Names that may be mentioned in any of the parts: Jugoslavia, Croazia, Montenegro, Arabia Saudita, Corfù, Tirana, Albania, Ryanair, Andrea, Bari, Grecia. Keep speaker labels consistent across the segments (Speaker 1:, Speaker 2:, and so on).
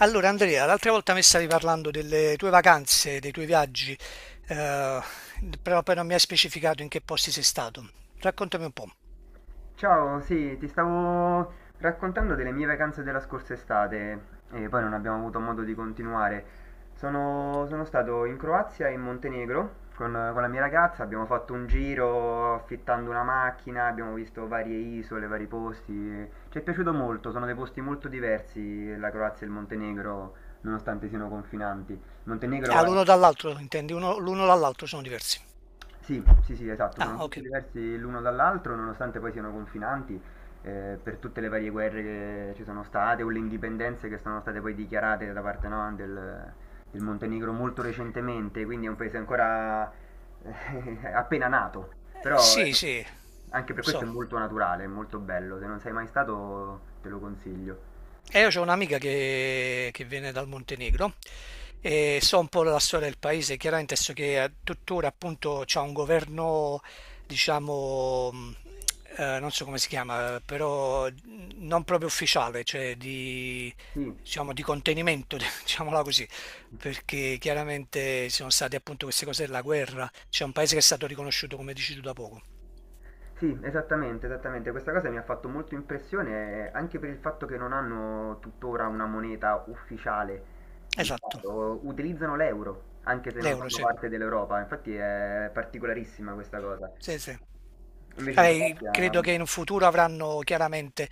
Speaker 1: Allora Andrea, l'altra volta mi stavi parlando delle tue vacanze, dei tuoi viaggi, eh, però poi non mi hai specificato in che posti sei stato. Raccontami un po'.
Speaker 2: Ciao, sì, ti stavo raccontando delle mie vacanze della scorsa estate e poi non abbiamo avuto modo di continuare. Sono stato in Croazia e in Montenegro con la mia ragazza, abbiamo fatto un giro affittando una macchina, abbiamo visto varie isole, vari posti. Ci è piaciuto molto, sono dei posti molto diversi la Croazia e il Montenegro, nonostante siano confinanti. Il Montenegro
Speaker 1: Ah,
Speaker 2: è...
Speaker 1: l'uno dall'altro, intendi? L'uno dall'altro sono diversi.
Speaker 2: Sì, sì, sì, esatto, sono
Speaker 1: Ah,
Speaker 2: molto
Speaker 1: ok.
Speaker 2: diversi l'uno dall'altro, nonostante poi siano confinanti, per tutte le varie guerre che ci sono state o le indipendenze che sono state poi dichiarate da parte, no, del Montenegro molto recentemente, quindi è un paese ancora appena nato, però
Speaker 1: Sì, sì,
Speaker 2: anche per questo è
Speaker 1: so.
Speaker 2: molto naturale, è molto bello, se non sei mai stato te lo consiglio.
Speaker 1: E io ho un'amica che viene dal Montenegro e so un po' la storia del paese, chiaramente so che tuttora appunto c'è un governo, diciamo, non so come si chiama, però non proprio ufficiale, cioè
Speaker 2: Sì.
Speaker 1: diciamo, di contenimento, diciamola così, perché chiaramente ci sono state appunto queste cose della guerra, c'è un paese che è stato riconosciuto come dici tu da poco.
Speaker 2: Sì, esattamente, esattamente. Questa cosa mi ha fatto molto impressione anche per il fatto che non hanno tuttora una moneta ufficiale di
Speaker 1: Esatto,
Speaker 2: Stato, utilizzano l'euro, anche se non
Speaker 1: l'euro,
Speaker 2: fanno
Speaker 1: sì,
Speaker 2: parte dell'Europa, infatti è particolarissima questa cosa.
Speaker 1: sì, sì.
Speaker 2: Invece in Croazia,
Speaker 1: Credo che in futuro avranno chiaramente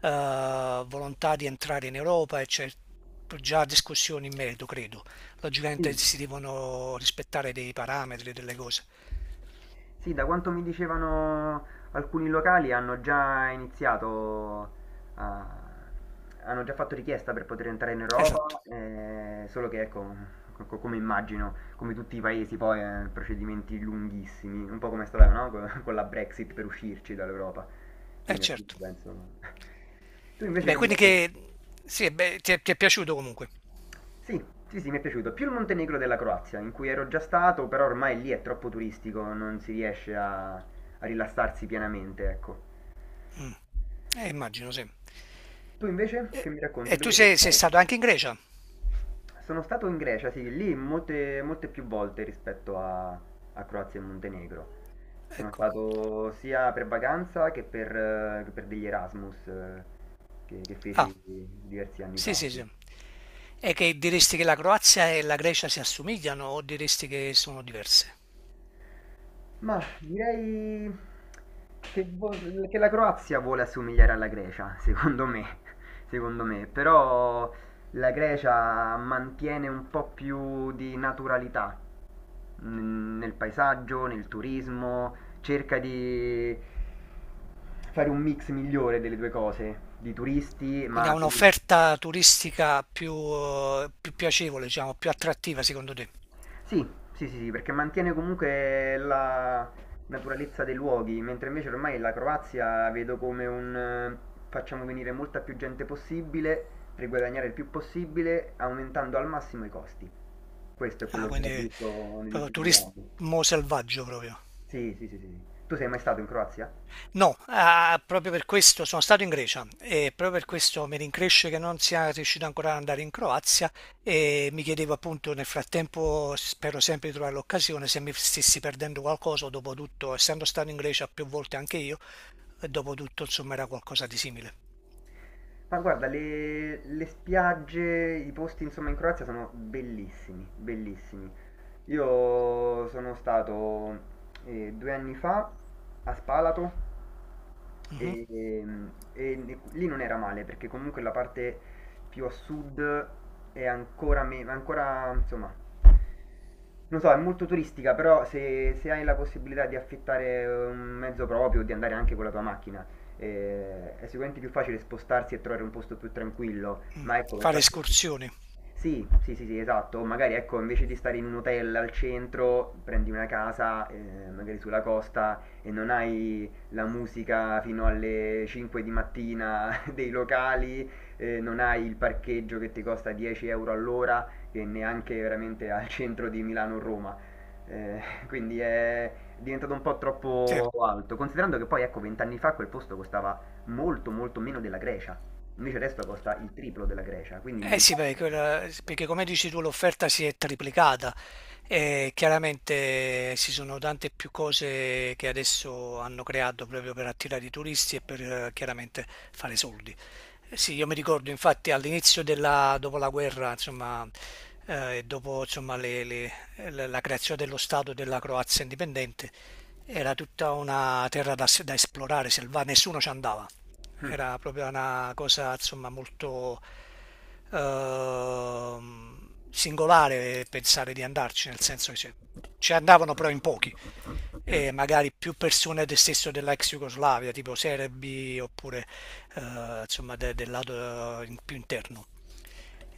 Speaker 1: volontà di entrare in Europa e c'è già discussione in merito, credo.
Speaker 2: sì.
Speaker 1: Logicamente si devono rispettare dei parametri, delle cose.
Speaker 2: Sì, da quanto mi dicevano alcuni locali hanno già iniziato a hanno già fatto richiesta per poter entrare in
Speaker 1: Esatto,
Speaker 2: Europa, solo che ecco, come immagino, come tutti i paesi poi, procedimenti lunghissimi, un po' come è stata, no? Con la Brexit per uscirci dall'Europa.
Speaker 1: è
Speaker 2: Quindi alla fine
Speaker 1: certo.
Speaker 2: penso... Tu
Speaker 1: E
Speaker 2: invece
Speaker 1: beh,
Speaker 2: che mi
Speaker 1: quindi
Speaker 2: racconti?
Speaker 1: che sì, beh, ti è piaciuto comunque.
Speaker 2: Sì, sì, sì, mi è piaciuto. Più il Montenegro della Croazia, in cui ero già stato, però ormai lì è troppo turistico, non si riesce a rilassarsi pienamente, ecco.
Speaker 1: Mm, immagino, sì.
Speaker 2: Tu invece
Speaker 1: E,
Speaker 2: che mi
Speaker 1: e
Speaker 2: racconti
Speaker 1: tu
Speaker 2: dove sei
Speaker 1: sei
Speaker 2: stato?
Speaker 1: stato anche in Grecia?
Speaker 2: Sono stato in Grecia, sì, lì molte, molte più volte rispetto a Croazia e Montenegro. Sono
Speaker 1: Ecco.
Speaker 2: stato sia per vacanza che per degli Erasmus che
Speaker 1: Ah,
Speaker 2: feci diversi anni
Speaker 1: sì,
Speaker 2: fa.
Speaker 1: sì, sì. E che diresti che la Croazia e la Grecia si assomigliano o diresti che sono diverse?
Speaker 2: Ma direi che, vo- che la Croazia vuole assomigliare alla Grecia, secondo me, secondo me, però la Grecia mantiene un po' più di naturalità nel paesaggio, nel turismo, cerca di fare un mix migliore delle due cose, di turisti,
Speaker 1: Quindi ha
Speaker 2: ma
Speaker 1: un'offerta turistica più, più piacevole, diciamo, più attrattiva secondo te?
Speaker 2: sì, sì, sì, sì, perché mantiene comunque la naturalezza dei luoghi, mentre invece ormai la Croazia vedo come un facciamo venire molta più gente possibile per guadagnare il più possibile, aumentando al massimo i costi. Questo è
Speaker 1: Ah,
Speaker 2: quello che ho
Speaker 1: quindi
Speaker 2: visto negli
Speaker 1: proprio
Speaker 2: ultimi due anni.
Speaker 1: turismo selvaggio proprio.
Speaker 2: Sì, sì, sì, sì, sì. Tu sei mai stato in Croazia?
Speaker 1: No, ah, proprio per questo sono stato in Grecia e proprio per questo mi rincresce che non sia riuscito ancora ad andare in Croazia e mi chiedevo appunto nel frattempo, spero sempre di trovare l'occasione, se mi stessi perdendo qualcosa o dopo tutto, essendo stato in Grecia più volte anche io, e dopo tutto insomma era qualcosa di simile.
Speaker 2: Ma guarda, le spiagge, i posti insomma in Croazia sono bellissimi, bellissimi. Io sono stato due anni fa a Spalato
Speaker 1: Mhm.
Speaker 2: e, lì non era male perché comunque la parte più a sud è ancora, ancora insomma, non so, è molto turistica, però se hai la possibilità di affittare un mezzo proprio, di andare anche con la tua macchina, è sicuramente più facile spostarsi e trovare un posto più tranquillo, ma ecco, per
Speaker 1: Fare
Speaker 2: parte...
Speaker 1: escursioni.
Speaker 2: Sì, sì, sì, sì, esatto, magari ecco, invece di stare in un hotel al centro, prendi una casa, magari sulla costa e non hai la musica fino alle 5 di mattina dei locali, non hai il parcheggio che ti costa 10 € all'ora e neanche veramente al centro di Milano o Roma. Eh, quindi è diventato un po'
Speaker 1: Sì,
Speaker 2: troppo alto, considerando che poi ecco vent'anni fa quel posto costava molto molto meno della Grecia, invece adesso costa il triplo della Grecia, quindi in
Speaker 1: eh
Speaker 2: 20
Speaker 1: sì, perché, perché come dici tu l'offerta si è triplicata e chiaramente ci sono tante più cose che adesso hanno creato proprio per attirare i turisti e per chiaramente fare soldi. Eh sì, io mi ricordo infatti dopo la guerra, insomma, e dopo insomma, la creazione dello Stato della Croazia indipendente, era tutta una terra da esplorare, selva, nessuno ci andava. Era proprio una cosa, insomma, molto ehm, singolare pensare di andarci, nel senso che ci andavano però in pochi
Speaker 2: anni.
Speaker 1: e magari più persone del stesso della ex Jugoslavia, tipo serbi oppure insomma del lato più interno.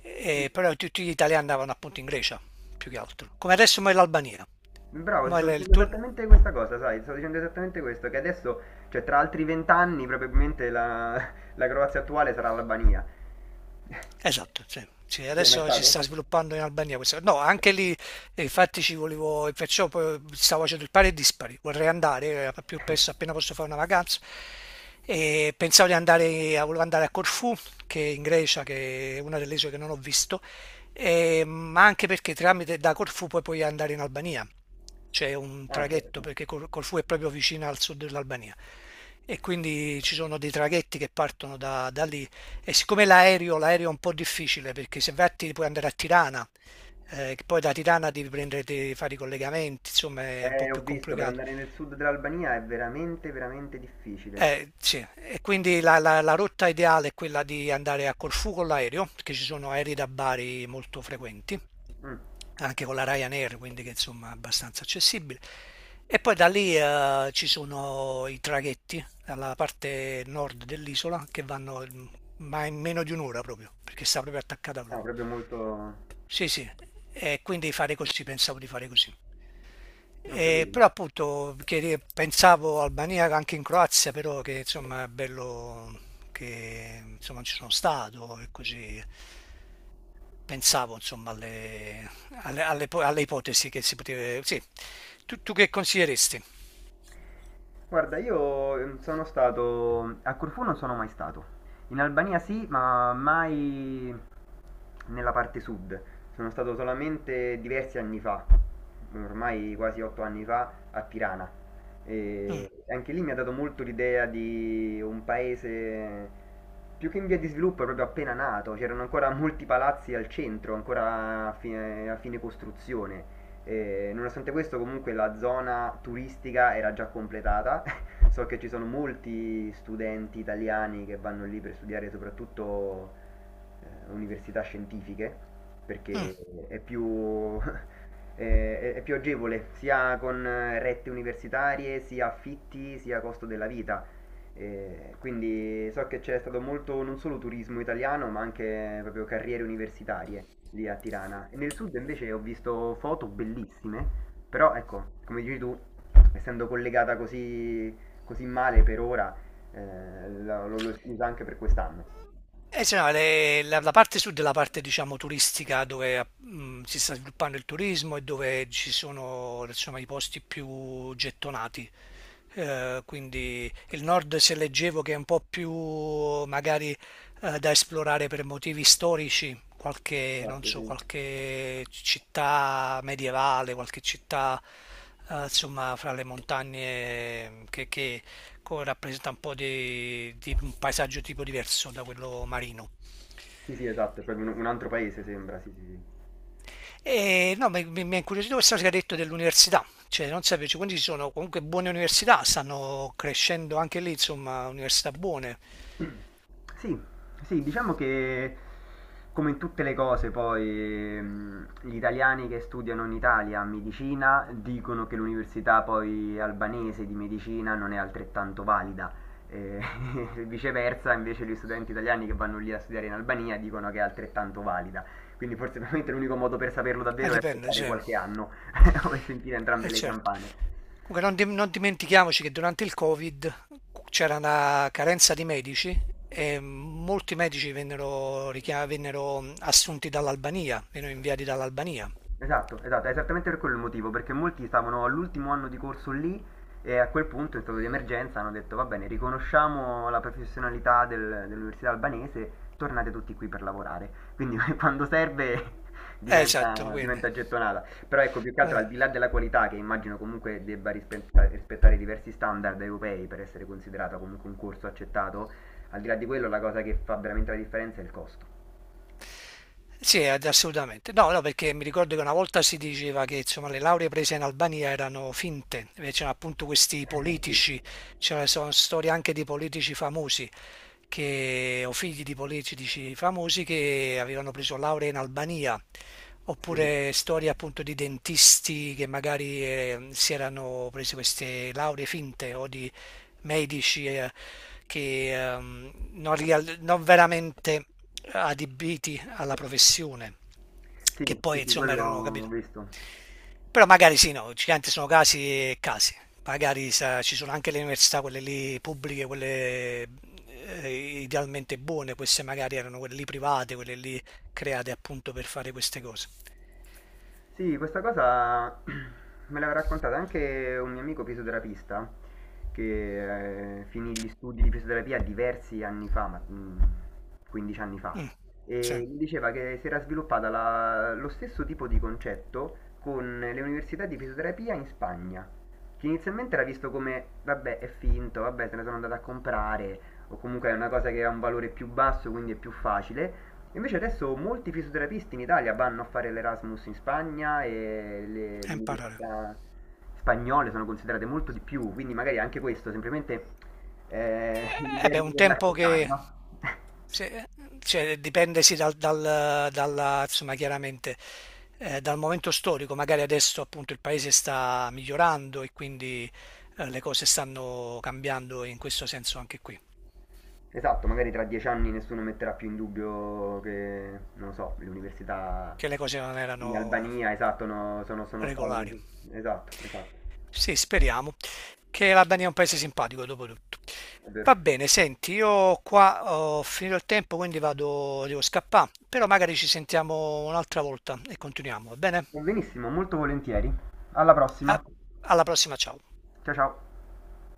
Speaker 1: Però tutti gli italiani andavano appunto in Grecia, più che altro. Come adesso mo è l'Albania.
Speaker 2: Bravo, ti
Speaker 1: Mo è
Speaker 2: sto
Speaker 1: l- il,
Speaker 2: dicendo
Speaker 1: tur-
Speaker 2: esattamente questa cosa, sai, ti sto dicendo esattamente questo, che adesso, cioè tra altri vent'anni probabilmente la Croazia attuale sarà l'Albania.
Speaker 1: Esatto, sì. Sì,
Speaker 2: Tu sei mai
Speaker 1: adesso si
Speaker 2: stato?
Speaker 1: sta sviluppando in Albania questa. No, anche lì, infatti, ci volevo, e perciò poi stavo facendo il pari e dispari. Vorrei andare più presto, appena posso fare una vacanza. E pensavo di andare, volevo andare a Corfù, che è in Grecia, che è una delle isole che non ho visto, ma anche perché tramite da Corfù poi puoi andare in Albania. C'è un
Speaker 2: Ah,
Speaker 1: traghetto,
Speaker 2: certo.
Speaker 1: perché Corfù è proprio vicina al sud dell'Albania. E quindi ci sono dei traghetti che partono da lì e siccome l'aereo è un po' difficile perché se vai a puoi andare a Tirana, che poi da Tirana devi prendere, devi fare i collegamenti, insomma è un po'
Speaker 2: Ho
Speaker 1: più
Speaker 2: visto, per
Speaker 1: complicato.
Speaker 2: andare nel sud dell'Albania è veramente, veramente difficile.
Speaker 1: Sì. E quindi la rotta ideale è quella di andare a Corfù con l'aereo, perché ci sono aerei da Bari molto frequenti,
Speaker 2: Mm.
Speaker 1: anche con la Ryanair, quindi che insomma è abbastanza accessibile. E poi da lì ci sono i traghetti dalla parte nord dell'isola che vanno ma in meno di un'ora proprio, perché sta proprio attaccata
Speaker 2: No,
Speaker 1: proprio.
Speaker 2: proprio molto...
Speaker 1: Sì, sì, e quindi fare così, pensavo di fare così.
Speaker 2: non
Speaker 1: E
Speaker 2: capivo.
Speaker 1: però appunto che pensavo Albania anche in Croazia, però che insomma è bello che insomma non ci sono stato e così pensavo insomma alle ipotesi che si poteva... Sì, tu che consiglieresti?
Speaker 2: Guarda, io sono stato... a Corfù non sono mai stato. In Albania sì, ma mai... nella parte sud. Sono stato solamente diversi anni fa, ormai quasi 8 anni fa, a Tirana.
Speaker 1: Mm,
Speaker 2: E anche lì mi ha dato molto l'idea di un paese più che in via di sviluppo, proprio appena nato. C'erano ancora molti palazzi al centro, ancora a fine costruzione. E nonostante questo, comunque la zona turistica era già completata. So che ci sono molti studenti italiani che vanno lì per studiare soprattutto università scientifiche
Speaker 1: mm.
Speaker 2: perché è più, è più agevole sia con rette universitarie, sia affitti, sia costo della vita. Quindi so che c'è stato molto non solo turismo italiano, ma anche proprio carriere universitarie lì a Tirana. E nel sud invece ho visto foto bellissime, però ecco, come dici tu, essendo collegata così, così male per ora, lo scusa anche per quest'anno.
Speaker 1: Sì, no, la parte sud è la parte, diciamo, turistica dove si sta sviluppando il turismo e dove ci sono, insomma, i posti più gettonati. Quindi il nord, se leggevo, che è un po' più magari da esplorare per motivi storici, qualche, non
Speaker 2: Esatto,
Speaker 1: so,
Speaker 2: sì.
Speaker 1: qualche città medievale, qualche città, insomma, fra le montagne che rappresenta un po' di un paesaggio tipo diverso da quello marino.
Speaker 2: Sì, sì, esatto, è proprio un altro paese sembra, sì, sì, sì.
Speaker 1: E no, mi ha incuriosito questo che ha detto dell'università, cioè non sapevo, cioè, quindi ci sono comunque buone università, stanno crescendo anche lì, insomma, università buone.
Speaker 2: Sì, sì, diciamo che come in tutte le cose poi gli italiani che studiano in Italia medicina dicono che l'università poi albanese di medicina non è altrettanto valida. E viceversa, invece, gli studenti italiani che vanno lì a studiare in Albania dicono che è altrettanto valida. Quindi forse veramente l'unico modo per saperlo davvero è
Speaker 1: Dipende, sì,
Speaker 2: aspettare qualche anno o sentire entrambe le
Speaker 1: certo.
Speaker 2: campane.
Speaker 1: Comunque non dimentichiamoci che durante il Covid c'era una carenza di medici e molti medici vennero assunti dall'Albania, vennero inviati dall'Albania.
Speaker 2: Esatto, esatto, è esattamente per quello il motivo, perché molti stavano all'ultimo anno di corso lì e a quel punto in stato di emergenza hanno detto va bene, riconosciamo la professionalità dell'università albanese, tornate tutti qui per lavorare. Quindi quando serve
Speaker 1: Esatto,
Speaker 2: diventa,
Speaker 1: quindi,
Speaker 2: diventa gettonata. Però ecco, più che altro
Speaker 1: eh.
Speaker 2: al di là della qualità, che immagino comunque debba rispettare diversi standard europei per essere considerata comunque un corso accettato, al di là di quello la cosa che fa veramente la differenza è il costo.
Speaker 1: Sì, assolutamente. No, no, perché mi ricordo che una volta si diceva che insomma, le lauree prese in Albania erano finte, c'erano appunto questi politici, c'erano sono storie anche di politici famosi, che, o figli di politici famosi che avevano preso lauree in Albania,
Speaker 2: Sì, sì.
Speaker 1: oppure storie appunto di dentisti che magari si erano presi queste lauree finte o di medici che non veramente adibiti alla professione,
Speaker 2: Sì,
Speaker 1: che
Speaker 2: sì,
Speaker 1: poi
Speaker 2: sì,
Speaker 1: insomma
Speaker 2: quello
Speaker 1: erano,
Speaker 2: ho
Speaker 1: capito?
Speaker 2: visto.
Speaker 1: Però magari sì, no, giganti sono casi e casi. Ci sono anche le università, quelle lì pubbliche, quelle idealmente buone, queste magari erano quelle lì private, quelle lì create appunto per fare queste cose.
Speaker 2: Sì, questa cosa me l'aveva raccontata anche un mio amico fisioterapista che finì gli studi di fisioterapia diversi anni fa, 15 anni fa,
Speaker 1: Mm, sì, è
Speaker 2: e mi diceva che si era sviluppata lo stesso tipo di concetto con le università di fisioterapia in Spagna, che inizialmente era visto come, vabbè, è finto, vabbè, se ne sono andato a comprare, o comunque è una cosa che ha un valore più basso, quindi è più facile. Invece adesso molti fisioterapisti in Italia vanno a fare l'Erasmus in Spagna e le
Speaker 1: imparare.
Speaker 2: università spagnole sono considerate molto di più, quindi magari anche questo, semplicemente
Speaker 1: Eh
Speaker 2: l'idea
Speaker 1: beh,
Speaker 2: di
Speaker 1: un
Speaker 2: doverla
Speaker 1: tempo
Speaker 2: accettare,
Speaker 1: che
Speaker 2: no?
Speaker 1: Se- cioè, dipende sì, dalla, insomma, chiaramente dal momento storico, magari adesso appunto il paese sta migliorando e quindi le cose stanno cambiando in questo senso anche qui,
Speaker 2: Esatto, magari tra 10 anni nessuno metterà più in dubbio che, non lo so, le università
Speaker 1: che le cose non
Speaker 2: in
Speaker 1: erano
Speaker 2: Albania, esatto, no, sono, sono
Speaker 1: regolari.
Speaker 2: state... Esatto, esatto,
Speaker 1: Sì, speriamo che l'Albania è un paese simpatico dopo tutto.
Speaker 2: è
Speaker 1: Va
Speaker 2: vero.
Speaker 1: bene, senti, io qua ho finito il tempo, quindi vado, devo scappare, però magari ci sentiamo un'altra volta e continuiamo, va bene?
Speaker 2: Benissimo, molto volentieri. Alla prossima.
Speaker 1: A- Alla prossima, ciao.
Speaker 2: Ciao ciao.